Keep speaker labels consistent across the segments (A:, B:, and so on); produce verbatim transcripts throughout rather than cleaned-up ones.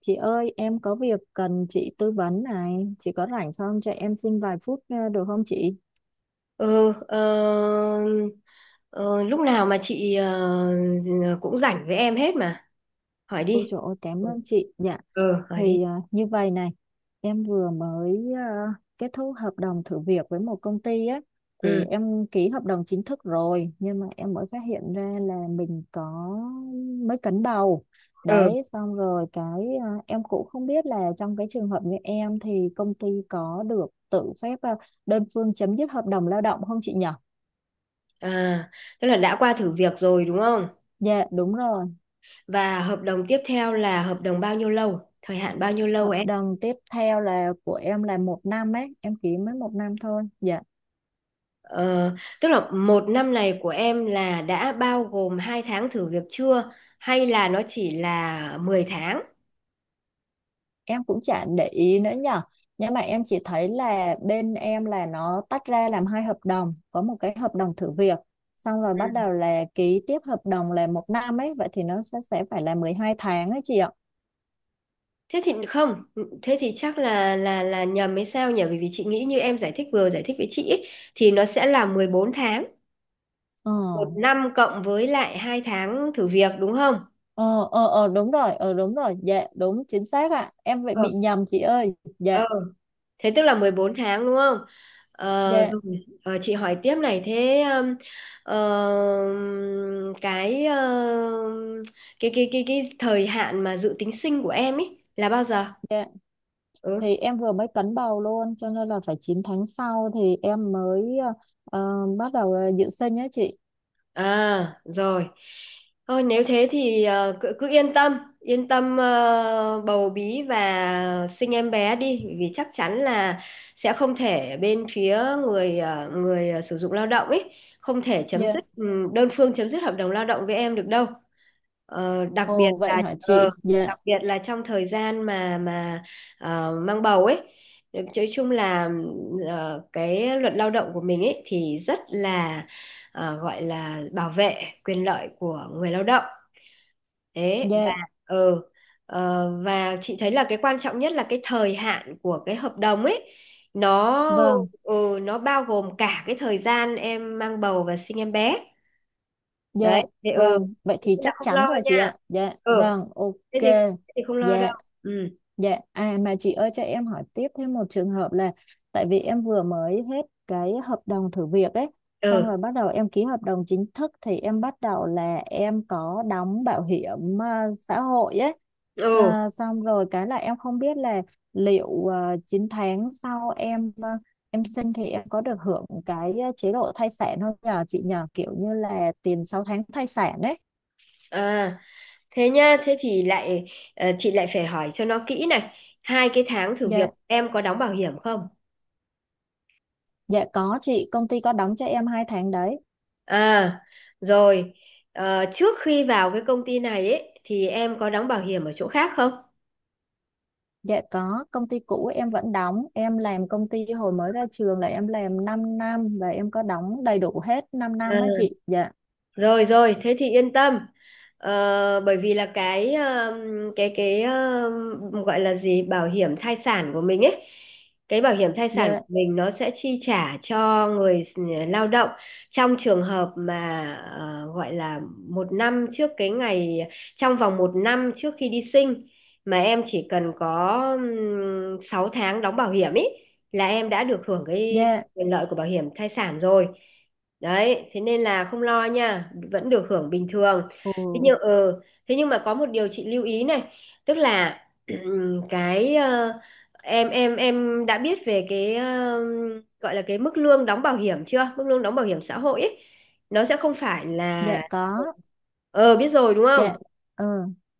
A: Chị ơi, em có việc cần chị tư vấn này. Chị có rảnh không? Cho em xin vài phút ờ, được không chị?
B: Ừ, ờ, ờ, lúc nào mà chị ờ, cũng rảnh với em hết mà. Hỏi
A: Ôi
B: đi.
A: trời ơi, cảm
B: Ừ,
A: ơn chị. Dạ,
B: ừ, hỏi đi.
A: thì ờ, như vậy này, em vừa mới ờ, kết thúc hợp đồng thử việc với một công ty á. Thì
B: Ừ,
A: em ký hợp đồng chính thức rồi, nhưng mà em mới phát hiện ra là mình có mới cấn bầu.
B: ừ.
A: Đấy, xong rồi cái ờ, em cũng không biết là trong cái trường hợp như em thì công ty có được tự phép ờ, đơn phương chấm dứt hợp đồng lao động không chị nhỉ?
B: À, tức là đã qua thử việc rồi đúng không?
A: Dạ đúng rồi,
B: Và hợp đồng tiếp theo là hợp đồng bao nhiêu lâu? Thời hạn bao nhiêu lâu
A: hợp
B: em?
A: đồng tiếp theo là của em là một năm ấy, em ký mới một năm thôi. Dạ,
B: Ờ, tức là một năm này của em là đã bao gồm hai tháng thử việc chưa? Hay là nó chỉ là mười tháng?
A: em cũng chả để ý nữa nhở. Nhưng mà em chỉ thấy là bên em là nó tách ra làm hai hợp đồng, có một cái hợp đồng thử việc, xong rồi bắt đầu là ký tiếp hợp đồng là một năm ấy, vậy thì nó sẽ sẽ phải là mười hai tháng ấy chị ạ.
B: Thế thì không, thế thì chắc là là là nhầm hay sao nhỉ? Bởi vì chị nghĩ như em giải thích vừa giải thích với chị ấy, thì nó sẽ là mười bốn tháng,
A: Ờ,
B: một năm cộng với lại hai tháng thử việc đúng không?
A: ờ, ờ, ờ đúng rồi, ờ đúng rồi, dạ đúng chính xác ạ. Em vậy
B: Ờ,
A: bị nhầm chị ơi.
B: ờ.
A: Dạ,
B: Thế tức là mười bốn tháng đúng không? Ờ,
A: dạ,
B: rồi. Ờ, chị hỏi tiếp này thế um, ờ, cái ờ, cái cái cái cái thời hạn mà dự tính sinh của em ấy là bao giờ?
A: dạ.
B: Ừ.
A: Thì em vừa mới cấn bầu luôn cho nên là phải chín tháng sau thì em mới ờ, ờ, bắt đầu ờ, dự sinh nhé chị.
B: À, rồi. Thôi nếu thế thì ờ, cứ, cứ yên tâm, yên tâm ờ, bầu bí và sinh em bé đi, bởi vì chắc chắn là sẽ không thể bên phía người ờ, người ờ, sử dụng lao động ấy không thể chấm
A: Dạ.
B: dứt ừ, đơn phương chấm dứt hợp đồng lao động với em được đâu. Ờ, đặc biệt
A: Ồ vậy
B: là
A: hả
B: ờ,
A: chị? Dạ,
B: đặc biệt là trong thời gian mà mà ờ, mang bầu ấy. Nói chung là ừ, ờ, cái luật lao động của mình ấy thì rất là ờ, gọi là bảo vệ quyền lợi của người lao động. Thế và
A: dạ
B: ừ, ờ, Và chị thấy là cái quan trọng nhất là cái thời hạn của cái hợp đồng ấy nó
A: vâng,
B: ừ, nó bao gồm cả cái thời gian em mang bầu và sinh em bé.
A: dạ
B: Đấy thế ừ
A: vâng, vậy
B: Thế
A: thì
B: nên là
A: chắc
B: không
A: chắn
B: lo
A: rồi
B: nha.
A: chị ạ. Dạ
B: ừ
A: vâng,
B: thế
A: ok.
B: thì thế thì không lo đâu.
A: Dạ.
B: ừ
A: Dạ, à mà chị ơi cho em hỏi tiếp thêm một trường hợp là, tại vì em vừa mới hết cái hợp đồng thử việc ấy, xong
B: ừ
A: rồi bắt đầu em ký hợp đồng chính thức thì em bắt đầu là em có đóng bảo hiểm à, xã hội ấy.
B: ừ
A: Và xong rồi cái là em không biết là liệu à, chín tháng sau em à, em sinh thì em có được hưởng cái à, chế độ thai sản không nhờ chị, nhờ kiểu như là tiền sáu tháng thai sản ấy.
B: à Thế nha, thế thì lại ờ, chị lại phải hỏi cho nó kỹ này. Hai cái tháng thử việc
A: Dạ,
B: em có đóng bảo hiểm không?
A: dạ có chị, công ty có đóng cho em hai tháng đấy.
B: À, rồi. Ờ, trước khi vào cái công ty này ấy, thì em có đóng bảo hiểm ở chỗ khác không?
A: Dạ có, công ty cũ em vẫn đóng, em làm công ty hồi mới ra trường là em làm 5 năm và em có đóng đầy đủ hết 5 năm á chị. Dạ,
B: Rồi rồi, thế thì yên tâm. Ờ, bởi vì là cái um, cái cái um, gọi là gì, bảo hiểm thai sản của mình ấy, cái bảo hiểm thai sản
A: dạ,
B: của mình nó sẽ chi trả cho người s- lao động trong trường hợp mà ờ, gọi là một năm trước cái ngày trong vòng một năm trước khi đi sinh mà em chỉ cần có um, sáu tháng đóng bảo hiểm ấy là em đã được hưởng cái
A: dạ,
B: quyền lợi của bảo hiểm thai sản rồi. Đấy thế nên là không lo nha, vẫn được hưởng bình thường.
A: ồ,
B: thế nhưng ờ Thế nhưng mà có một điều chị lưu ý này, tức là cái ờ, em em em đã biết về cái ờ, gọi là cái mức lương đóng bảo hiểm chưa mức lương đóng bảo hiểm xã hội ấy nó sẽ không phải
A: dạ
B: là.
A: có,
B: Ờ, biết rồi đúng không?
A: dạ, ừ.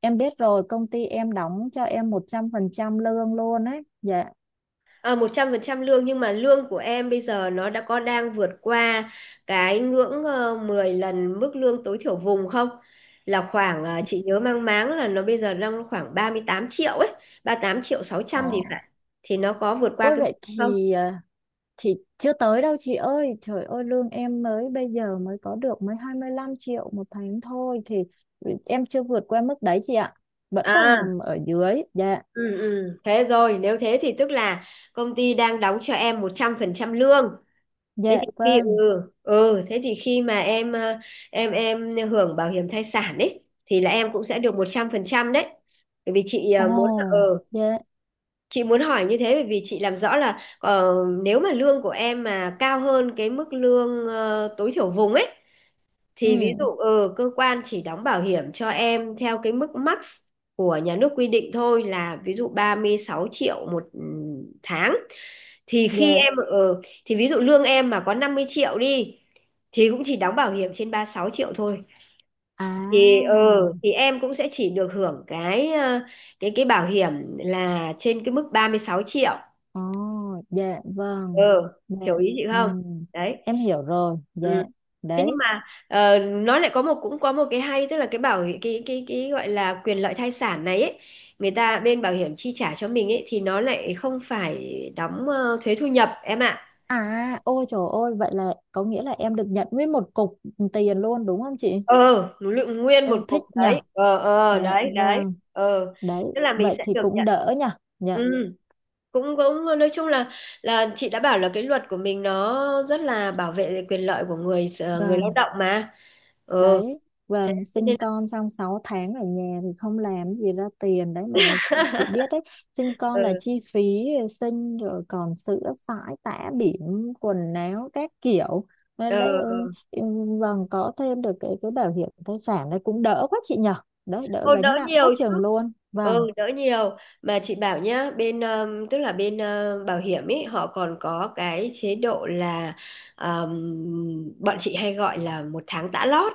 A: Em biết rồi, công ty em đóng cho em một trăm phần trăm lương luôn ấy. Dạ,
B: À, một trăm phần trăm lương, nhưng mà lương của em bây giờ nó đã có đang vượt qua cái ngưỡng ờ, mười lần mức lương tối thiểu vùng không? Là khoảng ờ, chị nhớ mang máng là nó bây giờ đang khoảng ba mươi tám triệu ấy, ba mươi tám triệu sáu trăm gì
A: ồ.
B: phải. Thì nó có vượt qua
A: Ôi
B: cái mức
A: vậy
B: không?
A: thì à, thì chưa tới đâu chị ơi, trời ơi lương em mới bây giờ mới có được mới hai mươi lăm triệu một tháng thôi thì em chưa vượt qua mức đấy chị ạ. Vẫn còn
B: À,
A: nằm ở dưới, dạ.
B: ừ, ừ. Thế rồi, nếu thế thì tức là công ty đang đóng cho em một trăm phần trăm lương, thế
A: Dạ
B: thì khi ừ
A: vâng.
B: ừ thế thì khi mà em ờ, em em hưởng bảo hiểm thai sản ấy thì là em cũng sẽ được một trăm phần trăm đấy. Bởi vì chị ờ, muốn ờ
A: Ồ. Dạ.
B: chị muốn hỏi như thế bởi vì chị làm rõ là, ờ, nếu mà lương của em mà cao hơn cái mức lương ờ, tối thiểu vùng ấy thì ví dụ
A: Ừ.
B: ừ, cơ quan chỉ đóng bảo hiểm cho em theo cái mức max của nhà nước quy định thôi, là ví dụ ba mươi sáu triệu một ừ, tháng, thì khi
A: Dạ.
B: em ờ, thì ví dụ lương em mà có năm mươi triệu đi thì cũng chỉ đóng bảo hiểm trên ba mươi sáu triệu thôi, thì ờ
A: À.
B: thì em cũng sẽ chỉ được hưởng cái ờ, cái cái bảo hiểm là trên cái mức ba mươi sáu triệu.
A: Ồ. Dạ
B: Ờ,
A: vâng. Dạ.
B: hiểu ý chị
A: Ừ,
B: không? Đấy.
A: em hiểu rồi. Dạ.
B: Ừ. thế nhưng
A: Đấy.
B: mà ờ, Nó lại có một cũng có một cái hay, tức là cái bảo hi- cái cái cái gọi là quyền lợi thai sản này ấy, người ta bên bảo hiểm chi trả cho mình ấy, thì nó lại không phải đóng ờ, thuế thu nhập em ạ.
A: À, ôi trời ơi, vậy là có nghĩa là em được nhận nguyên một cục tiền luôn đúng không chị?
B: ờ Núi lượng nguyên một
A: Yêu
B: cục
A: thích nhỉ,
B: đấy. Ờ ờ
A: dạ
B: đấy đấy
A: vâng.
B: ờ
A: Đấy.
B: Tức là mình
A: Vậy
B: sẽ
A: thì
B: được
A: cũng
B: nhận.
A: đỡ nhỉ,
B: ừ
A: dạ
B: Cũng, cũng nói chung là là chị đã bảo là cái luật của mình nó rất là bảo vệ quyền lợi của người ờ, người lao
A: vâng.
B: động mà. Ờ
A: Đấy, và
B: thế thế nên
A: sinh
B: là
A: con xong sáu tháng ở nhà thì không làm gì ra tiền đấy mà, chị biết đấy. Sinh
B: Ừ,
A: con là chi phí, sinh rồi còn sữa sải tã bỉm, quần áo các kiểu
B: ờ.
A: nên đấy. Ừ, ừ. Vâng, có thêm được cái cái bảo hiểm thai sản đấy cũng đỡ quá chị nhở. Đấy đỡ
B: Ô, đỡ
A: gánh nặng quá
B: nhiều chứ.
A: chừng luôn, vâng.
B: Ừ, đỡ nhiều. Mà chị bảo nhá, bên um, tức là bên uh, bảo hiểm ấy họ còn có cái chế độ là, um, bọn chị hay gọi là một tháng tã lót.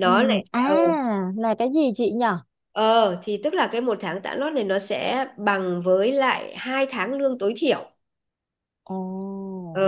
A: Ừ,
B: lại ờ
A: à là cái gì chị nhở?
B: ờ Thì tức là cái một tháng tã lót này nó sẽ bằng với lại hai tháng lương tối thiểu.
A: Ồ.
B: Ờ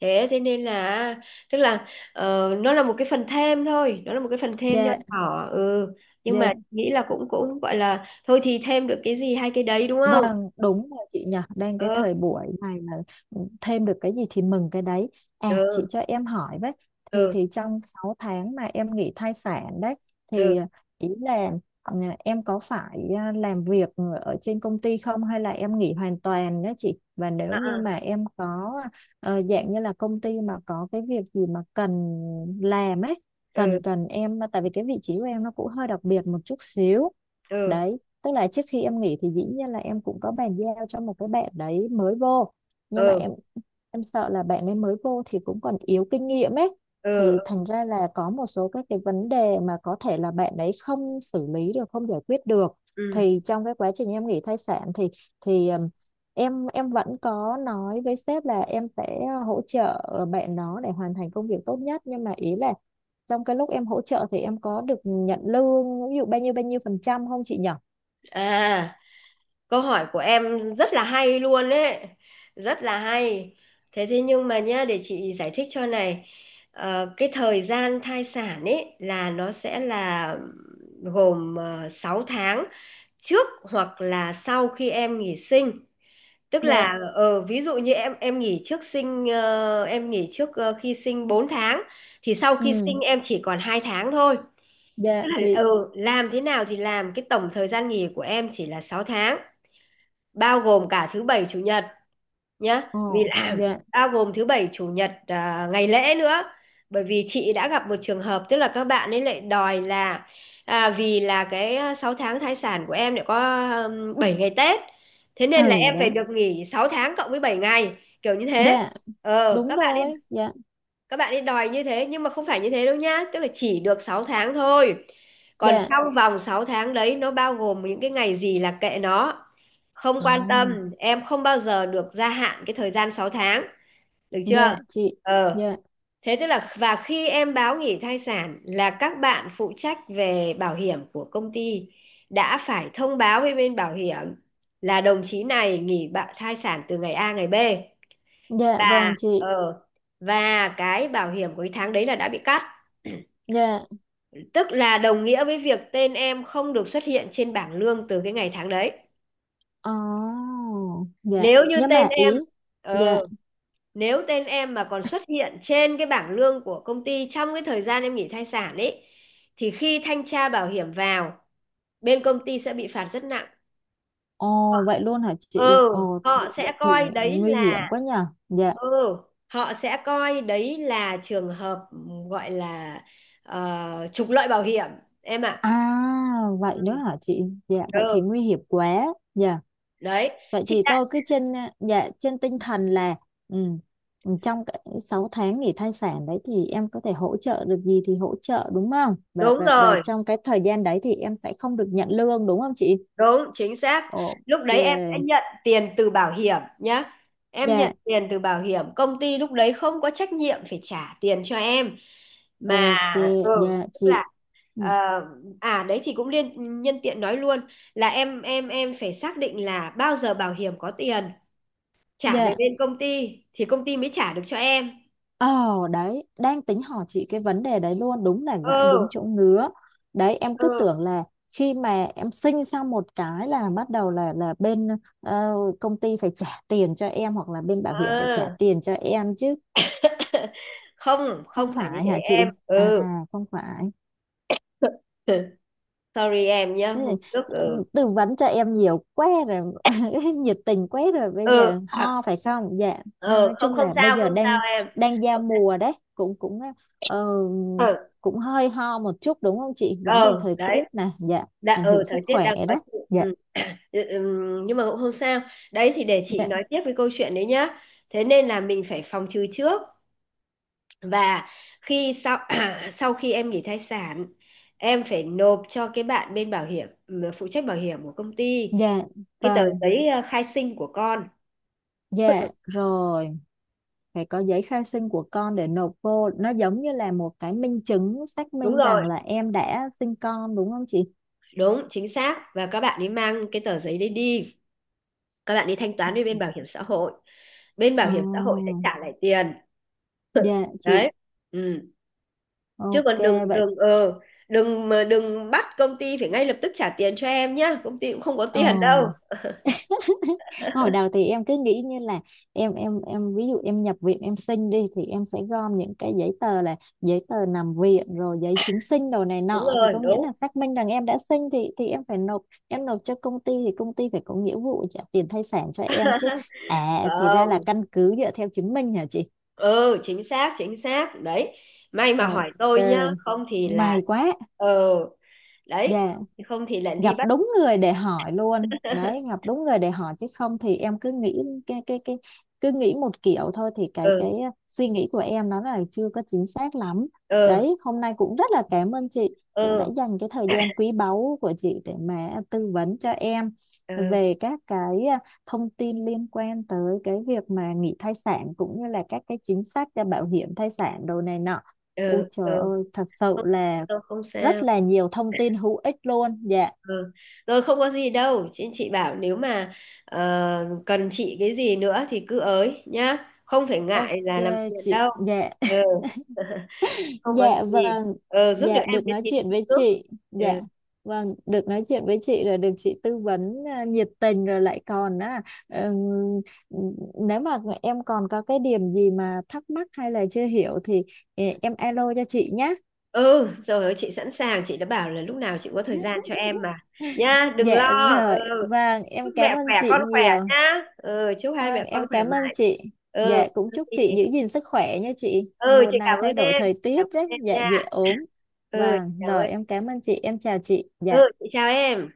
B: thế Thế nên là, tức là ờ, nó là một cái phần thêm thôi, nó là một cái phần thêm nho
A: Dạ,
B: nhỏ, ừ nhưng
A: dạ.
B: mà nghĩ là cũng cũng gọi là thôi thì thêm được cái gì hai cái đấy đúng không?
A: Vâng, đúng rồi chị nhỉ, đang cái
B: Ừ
A: thời buổi này mà ừ, thêm được cái gì thì mừng cái đấy. À,
B: ừ
A: chị cho em hỏi với, thì
B: ừ
A: thì trong sáu tháng mà em nghỉ thai sản đấy,
B: ừ
A: thì ý là ừ, em có phải à, làm việc ở trên công ty không hay là em nghỉ hoàn toàn đó chị? Và
B: à,
A: nếu như
B: à,
A: mà em có ờ, dạng như là công ty mà có cái việc gì mà cần làm ấy,
B: ừ
A: cần cần em, tại vì cái vị trí của em nó cũng hơi đặc biệt một chút xíu
B: ừ
A: đấy, tức là trước khi em nghỉ thì dĩ nhiên là em cũng có bàn giao cho một cái bạn đấy mới vô, nhưng mà
B: ừ
A: em em sợ là bạn ấy mới vô thì cũng còn yếu kinh nghiệm ấy,
B: ừ
A: thì
B: ừ
A: thành ra là có một số các cái vấn đề mà có thể là bạn ấy không xử lý được, không giải quyết được.
B: ừ.
A: Thì trong cái quá trình em nghỉ thai sản thì thì ừm, em em vẫn có nói với sếp là em sẽ hỗ trợ bạn đó để hoàn thành công việc tốt nhất, nhưng mà ý là trong cái lúc em hỗ trợ thì em có được nhận lương ví dụ bao nhiêu bao nhiêu phần trăm không chị nhỉ?
B: à Câu hỏi của em rất là hay luôn đấy, rất là hay. Thế thế nhưng mà nhá, để chị giải thích cho này. Ờ, cái thời gian thai sản ấy là nó sẽ là gồm uh, sáu tháng trước hoặc là sau khi em nghỉ sinh. Tức
A: Dạ.
B: là, ờ, ví dụ như em em nghỉ trước sinh ờ, em nghỉ trước ờ, khi sinh bốn tháng, thì sau khi
A: Ừ.
B: sinh em chỉ còn hai tháng thôi. Tức
A: Dạ
B: là, ờ,
A: chị.
B: làm thế nào thì làm, cái tổng thời gian nghỉ của em chỉ là sáu tháng, bao gồm cả thứ bảy chủ nhật nhá. Vì
A: Ồ.
B: làm
A: Dạ.
B: bao gồm thứ bảy chủ nhật, à, ngày lễ nữa. Bởi vì chị đã gặp một trường hợp, tức là các bạn ấy lại đòi là, à, vì là cái à, sáu tháng thai sản của em lại có um, bảy ngày Tết, thế nên là
A: Ừ.
B: em phải
A: Đấy.
B: được nghỉ sáu tháng cộng với bảy ngày, kiểu như thế.
A: Dạ
B: ờ
A: đúng
B: các bạn
A: rồi. Dạ,
B: các bạn ấy đòi như thế, nhưng mà không phải như thế đâu nhá, tức là chỉ được sáu tháng thôi, còn
A: dạ.
B: trong vòng sáu tháng đấy nó bao gồm những cái ngày gì là kệ nó, không
A: À,
B: quan tâm, em không bao giờ được gia hạn cái thời gian sáu tháng. Được chưa?
A: dạ chị.
B: Ờ.
A: Dạ,
B: Thế tức là, và khi em báo nghỉ thai sản là các bạn phụ trách về bảo hiểm của công ty đã phải thông báo với bên bảo hiểm là đồng chí này nghỉ bạ- thai sản từ ngày A ngày B,
A: dạ
B: và
A: vâng chị.
B: ờ và cái bảo hiểm cuối tháng đấy là đã bị cắt.
A: Dạ.
B: Tức là đồng nghĩa với việc tên em không được xuất hiện trên bảng lương từ cái ngày tháng đấy.
A: Ồ. Dạ,
B: nếu như
A: nhưng
B: tên
A: mà
B: em
A: ý. Dạ.
B: ờ, Nếu tên em mà còn xuất hiện trên cái bảng lương của công ty trong cái thời gian em nghỉ thai sản ấy, thì khi thanh tra bảo hiểm vào, bên công ty sẽ bị phạt rất nặng.
A: Ồ, vậy luôn hả chị?
B: ừ
A: Ồ
B: Họ
A: vậy,
B: sẽ
A: vậy thì
B: coi đấy
A: nguy hiểm
B: là,
A: quá nhờ, dạ.
B: ừ họ sẽ coi đấy là trường hợp gọi là, ờ, trục lợi bảo hiểm em ạ.
A: À, vậy nữa
B: Ừ.
A: hả chị? Dạ, vậy thì
B: ừ
A: nguy hiểm quá, dạ.
B: đấy
A: Vậy
B: Chị
A: thì
B: đã,
A: tôi cứ trên à, dạ, trên tinh thần là ừ, ừ, trong cái sáu tháng nghỉ thai sản đấy thì em có thể hỗ trợ được gì thì hỗ trợ đúng không? Và
B: đúng
A: và và
B: rồi,
A: trong cái thời gian đấy thì em sẽ không được nhận lương đúng không chị?
B: đúng chính xác.
A: Ồ,
B: Lúc đấy em sẽ
A: yeah,
B: nhận tiền từ bảo hiểm nhá, em nhận
A: dạ,
B: tiền từ bảo hiểm, công ty lúc đấy không có trách nhiệm phải trả tiền cho em mà.
A: ok,
B: ừ
A: dạ
B: Tức là,
A: chị. Ừ,
B: ờ, à đấy thì cũng liên nhân tiện nói luôn là em em em phải xác định là bao giờ bảo hiểm có tiền trả về
A: dạ,
B: bên công ty thì công ty mới trả được cho em.
A: ờ. Đấy, đang tính hỏi chị cái vấn đề đấy luôn, đúng là gãi đúng
B: ừ
A: chỗ ngứa. Đấy, em cứ
B: ừ
A: tưởng là khi mà em sinh xong một cái là bắt đầu là là bên ờ, công ty phải trả tiền cho em hoặc là bên bảo hiểm phải trả
B: ừ
A: tiền cho em chứ,
B: không
A: không
B: Không phải như
A: phải
B: thế
A: hả
B: em.
A: chị? À
B: ừ
A: không phải.
B: Sorry em nhá,
A: Thế này,
B: hôm trước. ừ
A: tư vấn cho em nhiều quá rồi nhiệt tình quá rồi, bây
B: ừ
A: giờ
B: à,
A: ho phải không dạ? Nó
B: ừ
A: nói
B: Không
A: chung
B: không
A: là bây
B: sao,
A: giờ
B: không sao
A: đang
B: em,
A: đang giao
B: không sao.
A: mùa đấy, cũng cũng ờ,
B: Ừ
A: cũng hơi ho một chút đúng không chị? Vấn đề
B: ừ
A: thời
B: đấy
A: tiết nè, dạ.
B: Đã
A: Ảnh
B: ừ,
A: hưởng
B: thời
A: sức
B: tiết
A: khỏe
B: đang khó
A: đấy.
B: chịu.
A: Dạ,
B: Ừ. Ừ, ừ, nhưng mà cũng không sao. Đấy thì để chị
A: dạ,
B: nói tiếp với câu chuyện đấy nhá. Thế nên là mình phải phòng trừ trước, và khi sau sau khi em nghỉ thai sản em phải nộp cho cái bạn bên bảo hiểm, ừ, phụ trách bảo hiểm của công ty,
A: dạ
B: cái tờ
A: vâng,
B: giấy ờ, khai sinh của con.
A: dạ rồi, phải có giấy khai sinh của con để nộp vô, nó giống như là một cái minh chứng xác
B: Đúng
A: minh rằng
B: rồi,
A: là em đã sinh con đúng không chị?
B: đúng chính xác, và các bạn ấy mang cái tờ giấy đấy đi, các bạn đi thanh toán với bên bảo hiểm xã hội, bên bảo
A: Ờ,
B: hiểm xã hội sẽ trả lại tiền
A: dạ chị.
B: đấy. Ừ. Chứ
A: Ok,
B: còn đừng
A: vậy.
B: đừng ờ đừng mà đừng bắt công ty phải ngay lập tức trả tiền cho em nhá, công ty cũng không có
A: Ờ.
B: tiền đâu.
A: Hồi đầu thì em cứ nghĩ như là em em em ví dụ em nhập viện em sinh đi thì em sẽ gom những cái giấy tờ là giấy tờ nằm viện rồi giấy chứng sinh đồ này
B: Đúng
A: nọ, thì
B: rồi,
A: có nghĩa
B: đúng
A: là xác minh rằng em đã sinh, thì thì em phải nộp em nộp cho công ty thì công ty phải có nghĩa vụ trả tiền thai sản cho em chứ. À thì ra là
B: không?
A: căn cứ dựa theo chứng minh hả chị?
B: ừ Chính xác, chính xác đấy, may mà hỏi
A: Ok
B: tôi nhá, không thì là
A: may quá,
B: lại ờ đấy,
A: dạ.
B: không thì lại đi
A: Gặp
B: bắt.
A: đúng người để hỏi luôn đấy, gặp đúng người để hỏi chứ không thì em cứ nghĩ cái cái cái cứ nghĩ một kiểu thôi, thì cái
B: ừ
A: cái suy nghĩ của em nó là chưa có chính xác lắm.
B: ừ
A: Đấy hôm nay cũng rất là cảm ơn chị, cũng đã
B: ừ
A: dành cái thời gian quý báu của chị để mà tư vấn cho em
B: ừ
A: về các cái à, thông tin liên quan tới cái việc mà nghỉ thai sản cũng như là các cái chính sách cho bảo hiểm thai sản đồ này nọ. Ôi
B: ừ ừ
A: trời ơi, thật sự
B: Không
A: là
B: đâu, không
A: rất
B: sao.
A: là nhiều thông tin hữu ích luôn. Dạ.
B: Ừ. Rồi không có gì đâu chị chị bảo nếu mà ờ, cần chị cái gì nữa thì cứ ới nhá, không phải
A: Ok
B: ngại là làm phiền
A: chị,
B: đâu.
A: dạ,
B: Ừ. Không có
A: dạ
B: gì.
A: vâng,
B: Ừ, giúp được
A: dạ,
B: em
A: được
B: cái
A: nói
B: gì
A: chuyện
B: thì
A: với
B: giúp.
A: chị.
B: Ừ.
A: Dạ vâng, được nói chuyện với chị rồi được chị tư vấn à, nhiệt tình rồi lại còn á, ừm, nếu mà em còn có cái điểm gì mà thắc mắc hay là chưa hiểu thì ờ, em alo cho chị nhé.
B: ừ Rồi ơi, chị sẵn sàng, chị đã bảo là lúc nào chị cũng có thời gian cho em mà, nha đừng lo.
A: Dạ rồi,
B: Ừ.
A: vâng,
B: Chúc
A: em cảm
B: mẹ khỏe
A: ơn chị
B: con khỏe
A: nhiều.
B: nhá. Ừ, chúc hai
A: Vâng,
B: mẹ con
A: em
B: khỏe
A: cảm ơn
B: mãi.
A: chị.
B: Ừ
A: Dạ, cũng chúc
B: thì
A: chị giữ gìn sức khỏe nha chị.
B: Ừ
A: Mùa
B: chị
A: này
B: cảm
A: thay
B: ơn
A: đổi
B: em,
A: thời tiết
B: cảm ơn
A: rất,
B: em
A: dạ,
B: nha.
A: dễ ốm.
B: Ừ chị
A: Vâng,
B: cảm
A: rồi
B: ơn.
A: em cảm ơn chị, em chào chị.
B: Ừ
A: Dạ.
B: chị chào em.